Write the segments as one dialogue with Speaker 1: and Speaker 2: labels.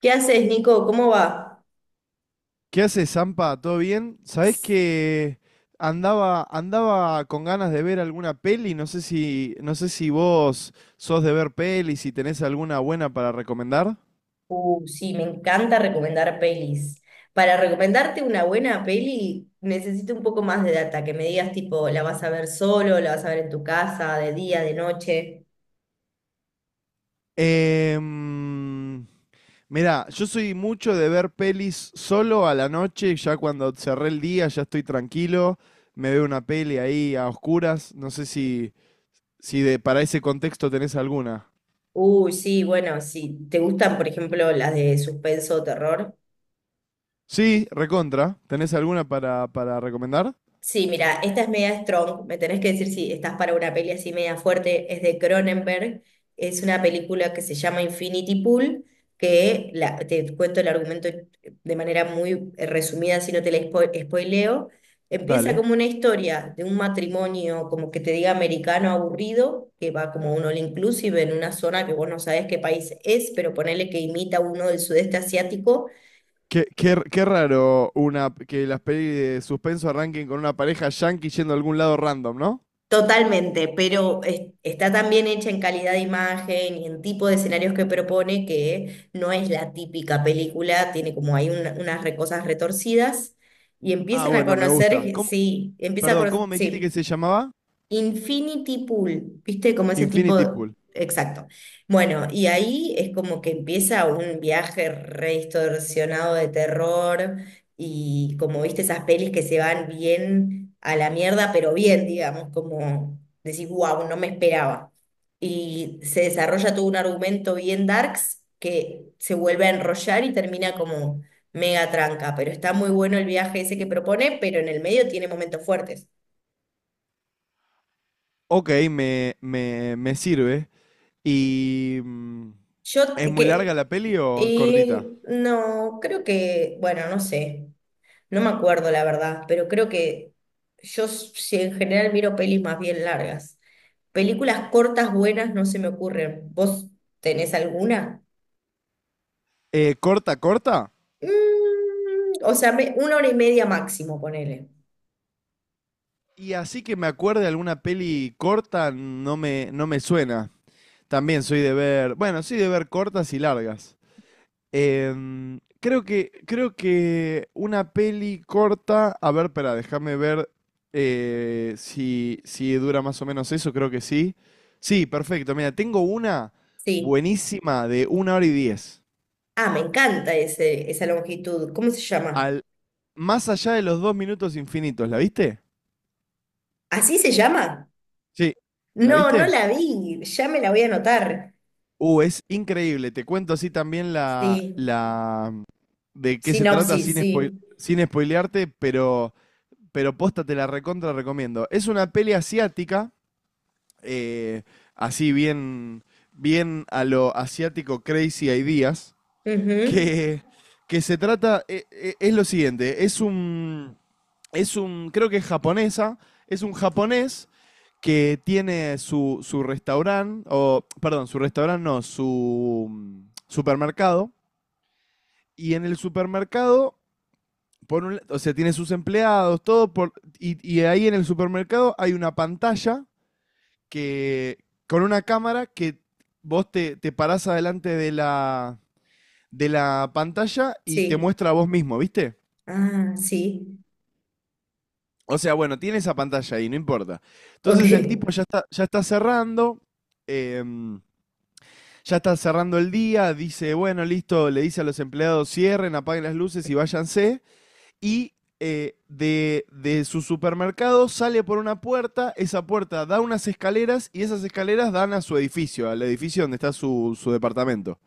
Speaker 1: ¿Qué haces, Nico? ¿Cómo va?
Speaker 2: ¿Qué haces, Zampa? ¿Todo bien? ¿Sabés que andaba con ganas de ver alguna peli? No sé si vos sos de ver pelis, si tenés alguna buena para recomendar.
Speaker 1: Sí, me encanta recomendar pelis. Para recomendarte una buena peli, necesito un poco más de data, que me digas tipo, ¿la vas a ver solo? ¿La vas a ver en tu casa? ¿De día? ¿De noche?
Speaker 2: Em, Mirá, yo soy mucho de ver pelis solo a la noche, ya cuando cerré el día, ya estoy tranquilo, me veo una peli ahí a oscuras. No sé si para ese contexto tenés alguna.
Speaker 1: Uy, sí, bueno, si te gustan, por ejemplo, las de suspenso o terror.
Speaker 2: Sí, recontra. ¿Tenés alguna para recomendar?
Speaker 1: Sí, mira, esta es media strong. Me tenés que decir si estás para una peli así media fuerte. Es de Cronenberg. Es una película que se llama Infinity Pool, te cuento el argumento de manera muy resumida, si no te la spoileo. Empieza
Speaker 2: Dale.
Speaker 1: como una historia de un matrimonio, como que te diga americano aburrido, que va como un all inclusive en una zona que vos no sabés qué país es, pero ponele que imita uno del sudeste asiático.
Speaker 2: Qué raro una, que las pelis de suspenso arranquen con una pareja yankee yendo a algún lado random, ¿no?
Speaker 1: Totalmente, pero está tan bien hecha en calidad de imagen y en tipo de escenarios que propone que no es la típica película, tiene como hay unas cosas retorcidas y
Speaker 2: Ah,
Speaker 1: empiezan a
Speaker 2: bueno, me gusta.
Speaker 1: conocer, sí, empieza a
Speaker 2: Perdón, ¿cómo me dijiste
Speaker 1: conocer.
Speaker 2: que se llamaba?
Speaker 1: Infinity Pool, ¿viste? Como ese
Speaker 2: Infinity
Speaker 1: tipo,
Speaker 2: Pool.
Speaker 1: exacto. Bueno, y ahí es como que empieza un viaje re distorsionado de terror y como viste esas pelis que se van bien a la mierda, pero bien, digamos, como decís, wow, no me esperaba. Y se desarrolla todo un argumento bien darks que se vuelve a enrollar y termina como mega tranca, pero está muy bueno el viaje ese que propone, pero en el medio tiene momentos fuertes.
Speaker 2: Ok, me sirve. ¿Y
Speaker 1: Yo,
Speaker 2: es muy larga
Speaker 1: que
Speaker 2: la peli o cortita?
Speaker 1: Y no, creo que, bueno, no sé, no me acuerdo la verdad, pero creo que si en general miro pelis más bien largas. Películas cortas buenas no se me ocurren. ¿Vos tenés alguna?
Speaker 2: ¿Corta, corta?
Speaker 1: Mm, o sea, una hora y media máximo, ponele.
Speaker 2: Y así que me acuerde alguna peli corta, no me suena. También soy de ver, bueno, soy de ver cortas y largas. Creo que una peli corta. A ver, espera, déjame ver si dura más o menos eso. Creo que sí. Sí, perfecto. Mira, tengo una
Speaker 1: Sí.
Speaker 2: buenísima de 1 hora y 10.
Speaker 1: Ah, me encanta ese, esa longitud. ¿Cómo se llama?
Speaker 2: Al, Más allá de los dos minutos infinitos. ¿La viste?
Speaker 1: ¿Así se llama?
Speaker 2: Sí. ¿la
Speaker 1: No, no
Speaker 2: viste?
Speaker 1: la vi. Ya me la voy a anotar.
Speaker 2: Es increíble. Te cuento así también la,
Speaker 1: Sí.
Speaker 2: la de qué se trata
Speaker 1: Sinopsis,
Speaker 2: sin spoil-
Speaker 1: sí.
Speaker 2: sin spoilearte, pero posta te la recontra recomiendo. Es una peli asiática, eh, así bien, bien a lo asiático crazy ideas,
Speaker 1: Ujú.
Speaker 2: que, que se trata, es lo siguiente, es un, creo que es japonesa, es un japonés que tiene su, su restaurante, o perdón, su restaurante no, su supermercado, y en el supermercado por un o sea, tiene sus empleados, todo, y ahí en el supermercado hay una pantalla que, con una cámara que vos te parás adelante de de la pantalla y te
Speaker 1: Sí.
Speaker 2: muestra a vos mismo, ¿viste?
Speaker 1: Ah, sí.
Speaker 2: O sea, bueno, tiene esa pantalla ahí, no importa.
Speaker 1: Ok.
Speaker 2: Entonces el tipo em, ya está cerrando el día, dice, bueno, listo, le dice a los empleados, cierren, apaguen las luces y váyanse. Y de su supermercado sale por una puerta, esa puerta da unas escaleras y esas escaleras dan a su edificio, al edificio donde está su, su departamento.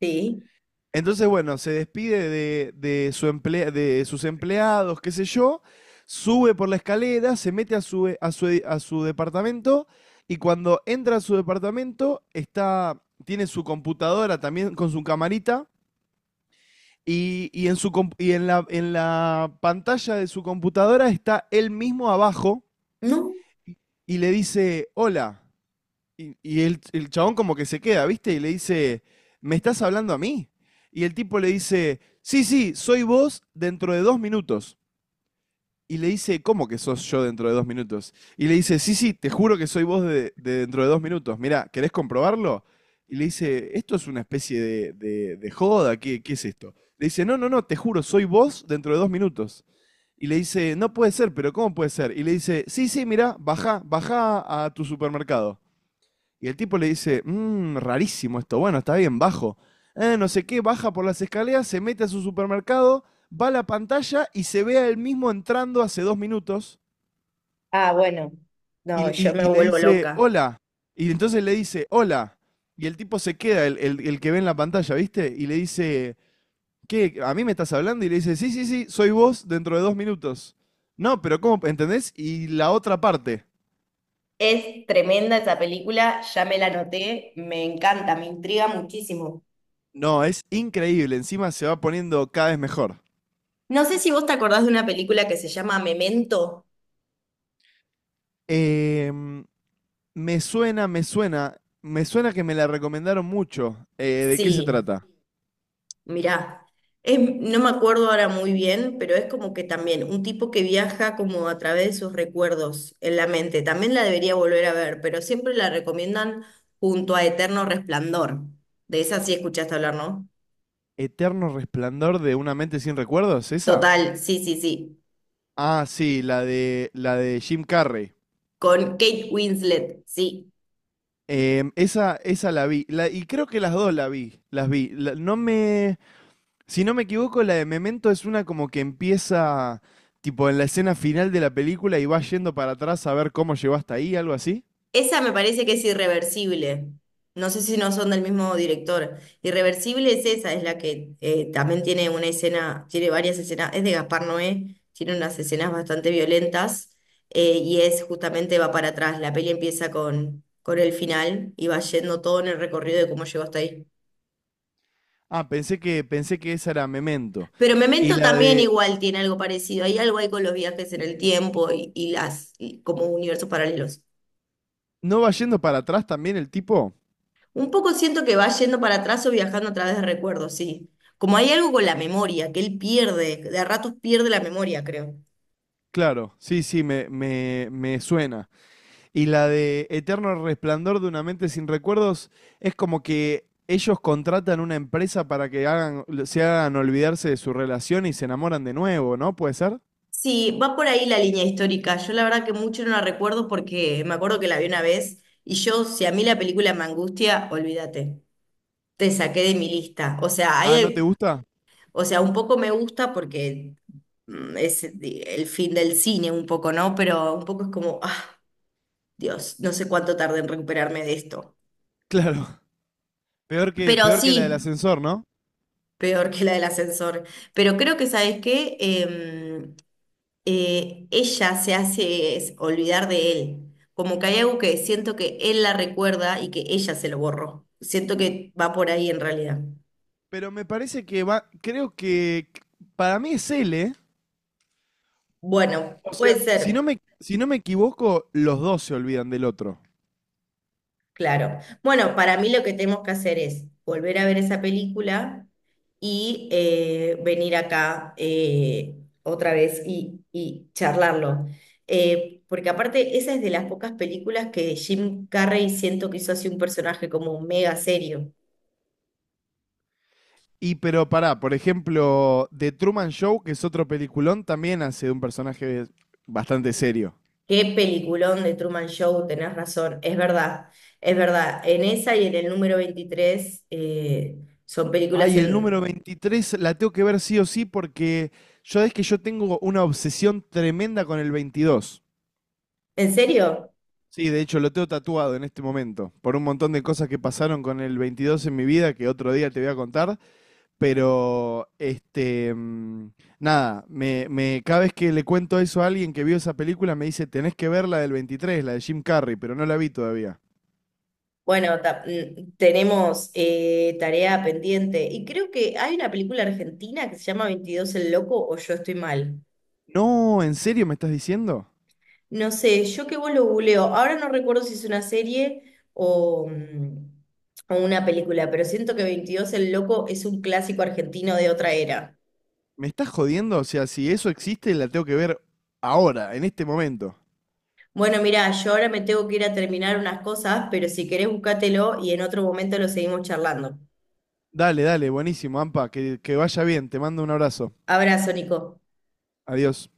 Speaker 1: Sí.
Speaker 2: Entonces, bueno, se despide de su de sus empleados, qué sé yo, sube por la escalera, se mete a a su departamento y cuando entra a su departamento está, tiene su computadora también con su camarita. En la pantalla de su computadora está él mismo abajo
Speaker 1: No.
Speaker 2: y- y le dice, hola. Y el chabón como que se queda, ¿viste? Y le dice, ¿me estás hablando a mí? Y el tipo le dice, sí, sí, soy vos dentro de dos minutos. Y le dice, ¿cómo que sos yo dentro de dos minutos? Y le dice, sí, sí, te juro que soy vos de dentro de dos minutos. Mirá, ¿querés comprobarlo? Y le dice, ¿esto es una especie de joda? ¿Qué es esto? Le dice, no, no, no, te juro, soy vos dentro de dos minutos. Y le dice, no puede ser, pero ¿cómo puede ser? Y le dice, sí, sí, mirá, baja, baja a tu supermercado. Y el tipo le dice, rarísimo esto, bueno, está bien, bajo. No sé qué, baja por las escaleras, se mete a su supermercado, va a la pantalla y se ve a él mismo entrando hace dos minutos
Speaker 1: Ah, bueno, no, yo me
Speaker 2: y le
Speaker 1: vuelvo
Speaker 2: dice,
Speaker 1: loca.
Speaker 2: hola. Y entonces le dice, hola. Y el tipo se queda, el que ve en la pantalla, ¿viste? Y le dice, ¿qué? ¿A mí me estás hablando? Y le dice, sí, sí, sí, soy vos dentro de dos minutos. No, pero ¿cómo? ¿Entendés? Y la otra parte.
Speaker 1: Es tremenda esa película, ya me la anoté, me encanta, me intriga muchísimo.
Speaker 2: No, es increíble, encima se va poniendo cada vez mejor.
Speaker 1: No sé si vos te acordás de una película que se llama Memento.
Speaker 2: Em, Me suena que me la recomendaron mucho. ¿De qué se
Speaker 1: Sí.
Speaker 2: trata?
Speaker 1: Mirá, no me acuerdo ahora muy bien, pero es como que también un tipo que viaja como a través de sus recuerdos en la mente. También la debería volver a ver, pero siempre la recomiendan junto a Eterno Resplandor. De esa sí escuchaste hablar, ¿no?
Speaker 2: ¿Eterno resplandor de una mente sin recuerdos? ¿Esa?
Speaker 1: Total, sí, sí, sí.
Speaker 2: Ah, sí, la de Jim Carrey.
Speaker 1: Con Kate Winslet, sí.
Speaker 2: Esa la vi. Y creo que las dos la vi. Las vi. La- no me. Si no me equivoco, la de Memento es una como que empieza tipo en la escena final de la película y va yendo para atrás a ver cómo llegó hasta ahí, algo así.
Speaker 1: Esa me parece que es irreversible. No sé si no son del mismo director. Irreversible es esa, es la que también tiene una escena, tiene varias escenas, es de Gaspar Noé, tiene unas escenas bastante violentas y es justamente va para atrás. La peli empieza con el final y va yendo todo en el recorrido de cómo llegó hasta ahí.
Speaker 2: Ah, pensé que esa era Memento.
Speaker 1: Pero
Speaker 2: Y
Speaker 1: Memento
Speaker 2: la
Speaker 1: también
Speaker 2: de.
Speaker 1: igual tiene algo parecido. Hay algo ahí con los viajes en el tiempo y las y como universos paralelos.
Speaker 2: ¿No va yendo para atrás también el tipo?
Speaker 1: Un poco siento que va yendo para atrás o viajando a través de recuerdos, sí. Como hay algo con la memoria, que él pierde, de a ratos pierde la memoria, creo.
Speaker 2: Claro, sí, sí, me suena. Y la de Eterno Resplandor de una mente sin recuerdos es como que ellos contratan una empresa para que hagan, se hagan olvidarse de su relación y se enamoran de nuevo, ¿no? ¿Puede ser?
Speaker 1: Sí, va por ahí la línea histórica. Yo la verdad que mucho no la recuerdo porque me acuerdo que la vi una vez y yo, si a mí la película me angustia, olvídate, te saqué de mi lista. O sea,
Speaker 2: Ah, ¿no te
Speaker 1: hay,
Speaker 2: gusta?
Speaker 1: o sea, un poco me gusta porque mm, es el fin del cine, un poco, ¿no? Pero un poco es como, ah, Dios, no sé cuánto tardé en recuperarme de esto.
Speaker 2: Claro, peor que,
Speaker 1: Pero
Speaker 2: peor que la del
Speaker 1: sí.
Speaker 2: ascensor, ¿no?
Speaker 1: Peor que la del ascensor. Pero creo que, ¿sabes qué? Ella olvidar de él. Como que hay algo que siento que él la recuerda y que ella se lo borró. Siento que va por ahí en realidad.
Speaker 2: Pero me parece que va, creo que para mí es él, ¿eh?
Speaker 1: Bueno,
Speaker 2: O sea,
Speaker 1: puede
Speaker 2: si no
Speaker 1: ser.
Speaker 2: me, si no me equivoco, los dos se olvidan del otro.
Speaker 1: Claro. Bueno, para mí lo que tenemos que hacer es volver a ver esa película y venir acá, otra vez y charlarlo. Porque aparte, esa es de las pocas películas que Jim Carrey siento que hizo así un personaje como mega serio.
Speaker 2: Y pero pará, por ejemplo, The Truman Show, que es otro peliculón, también hace de un personaje bastante serio.
Speaker 1: Qué peliculón de Truman Show, tenés razón, es verdad, es verdad. En esa y en el número 23, son películas
Speaker 2: Ay, el número
Speaker 1: en...
Speaker 2: 23 la tengo que ver sí o sí porque yo es que yo tengo una obsesión tremenda con el 22.
Speaker 1: ¿En serio?
Speaker 2: Sí, de hecho lo tengo tatuado en este momento, por un montón de cosas que pasaron con el 22 en mi vida que otro día te voy a contar. Pero, este, nada, cada vez que le cuento eso a alguien que vio esa película, me dice, tenés que ver la del 23, la de Jim Carrey, pero no la vi todavía.
Speaker 1: Bueno, tenemos tarea pendiente y creo que hay una película argentina que se llama 22 el Loco o Yo estoy mal.
Speaker 2: No, ¿en serio me estás diciendo?
Speaker 1: No sé, yo que vos lo googleo. Ahora no recuerdo si es una serie o, mm, o una película, pero siento que 22 el Loco es un clásico argentino de otra era.
Speaker 2: ¿Me estás jodiendo? O sea, si eso existe, la tengo que ver ahora, en este momento.
Speaker 1: Bueno, mirá, yo ahora me tengo que ir a terminar unas cosas, pero si querés búscatelo y en otro momento lo seguimos charlando.
Speaker 2: Dale, dale, buenísimo, Ampa, que vaya bien, te mando un abrazo.
Speaker 1: Abrazo, Nico.
Speaker 2: Adiós.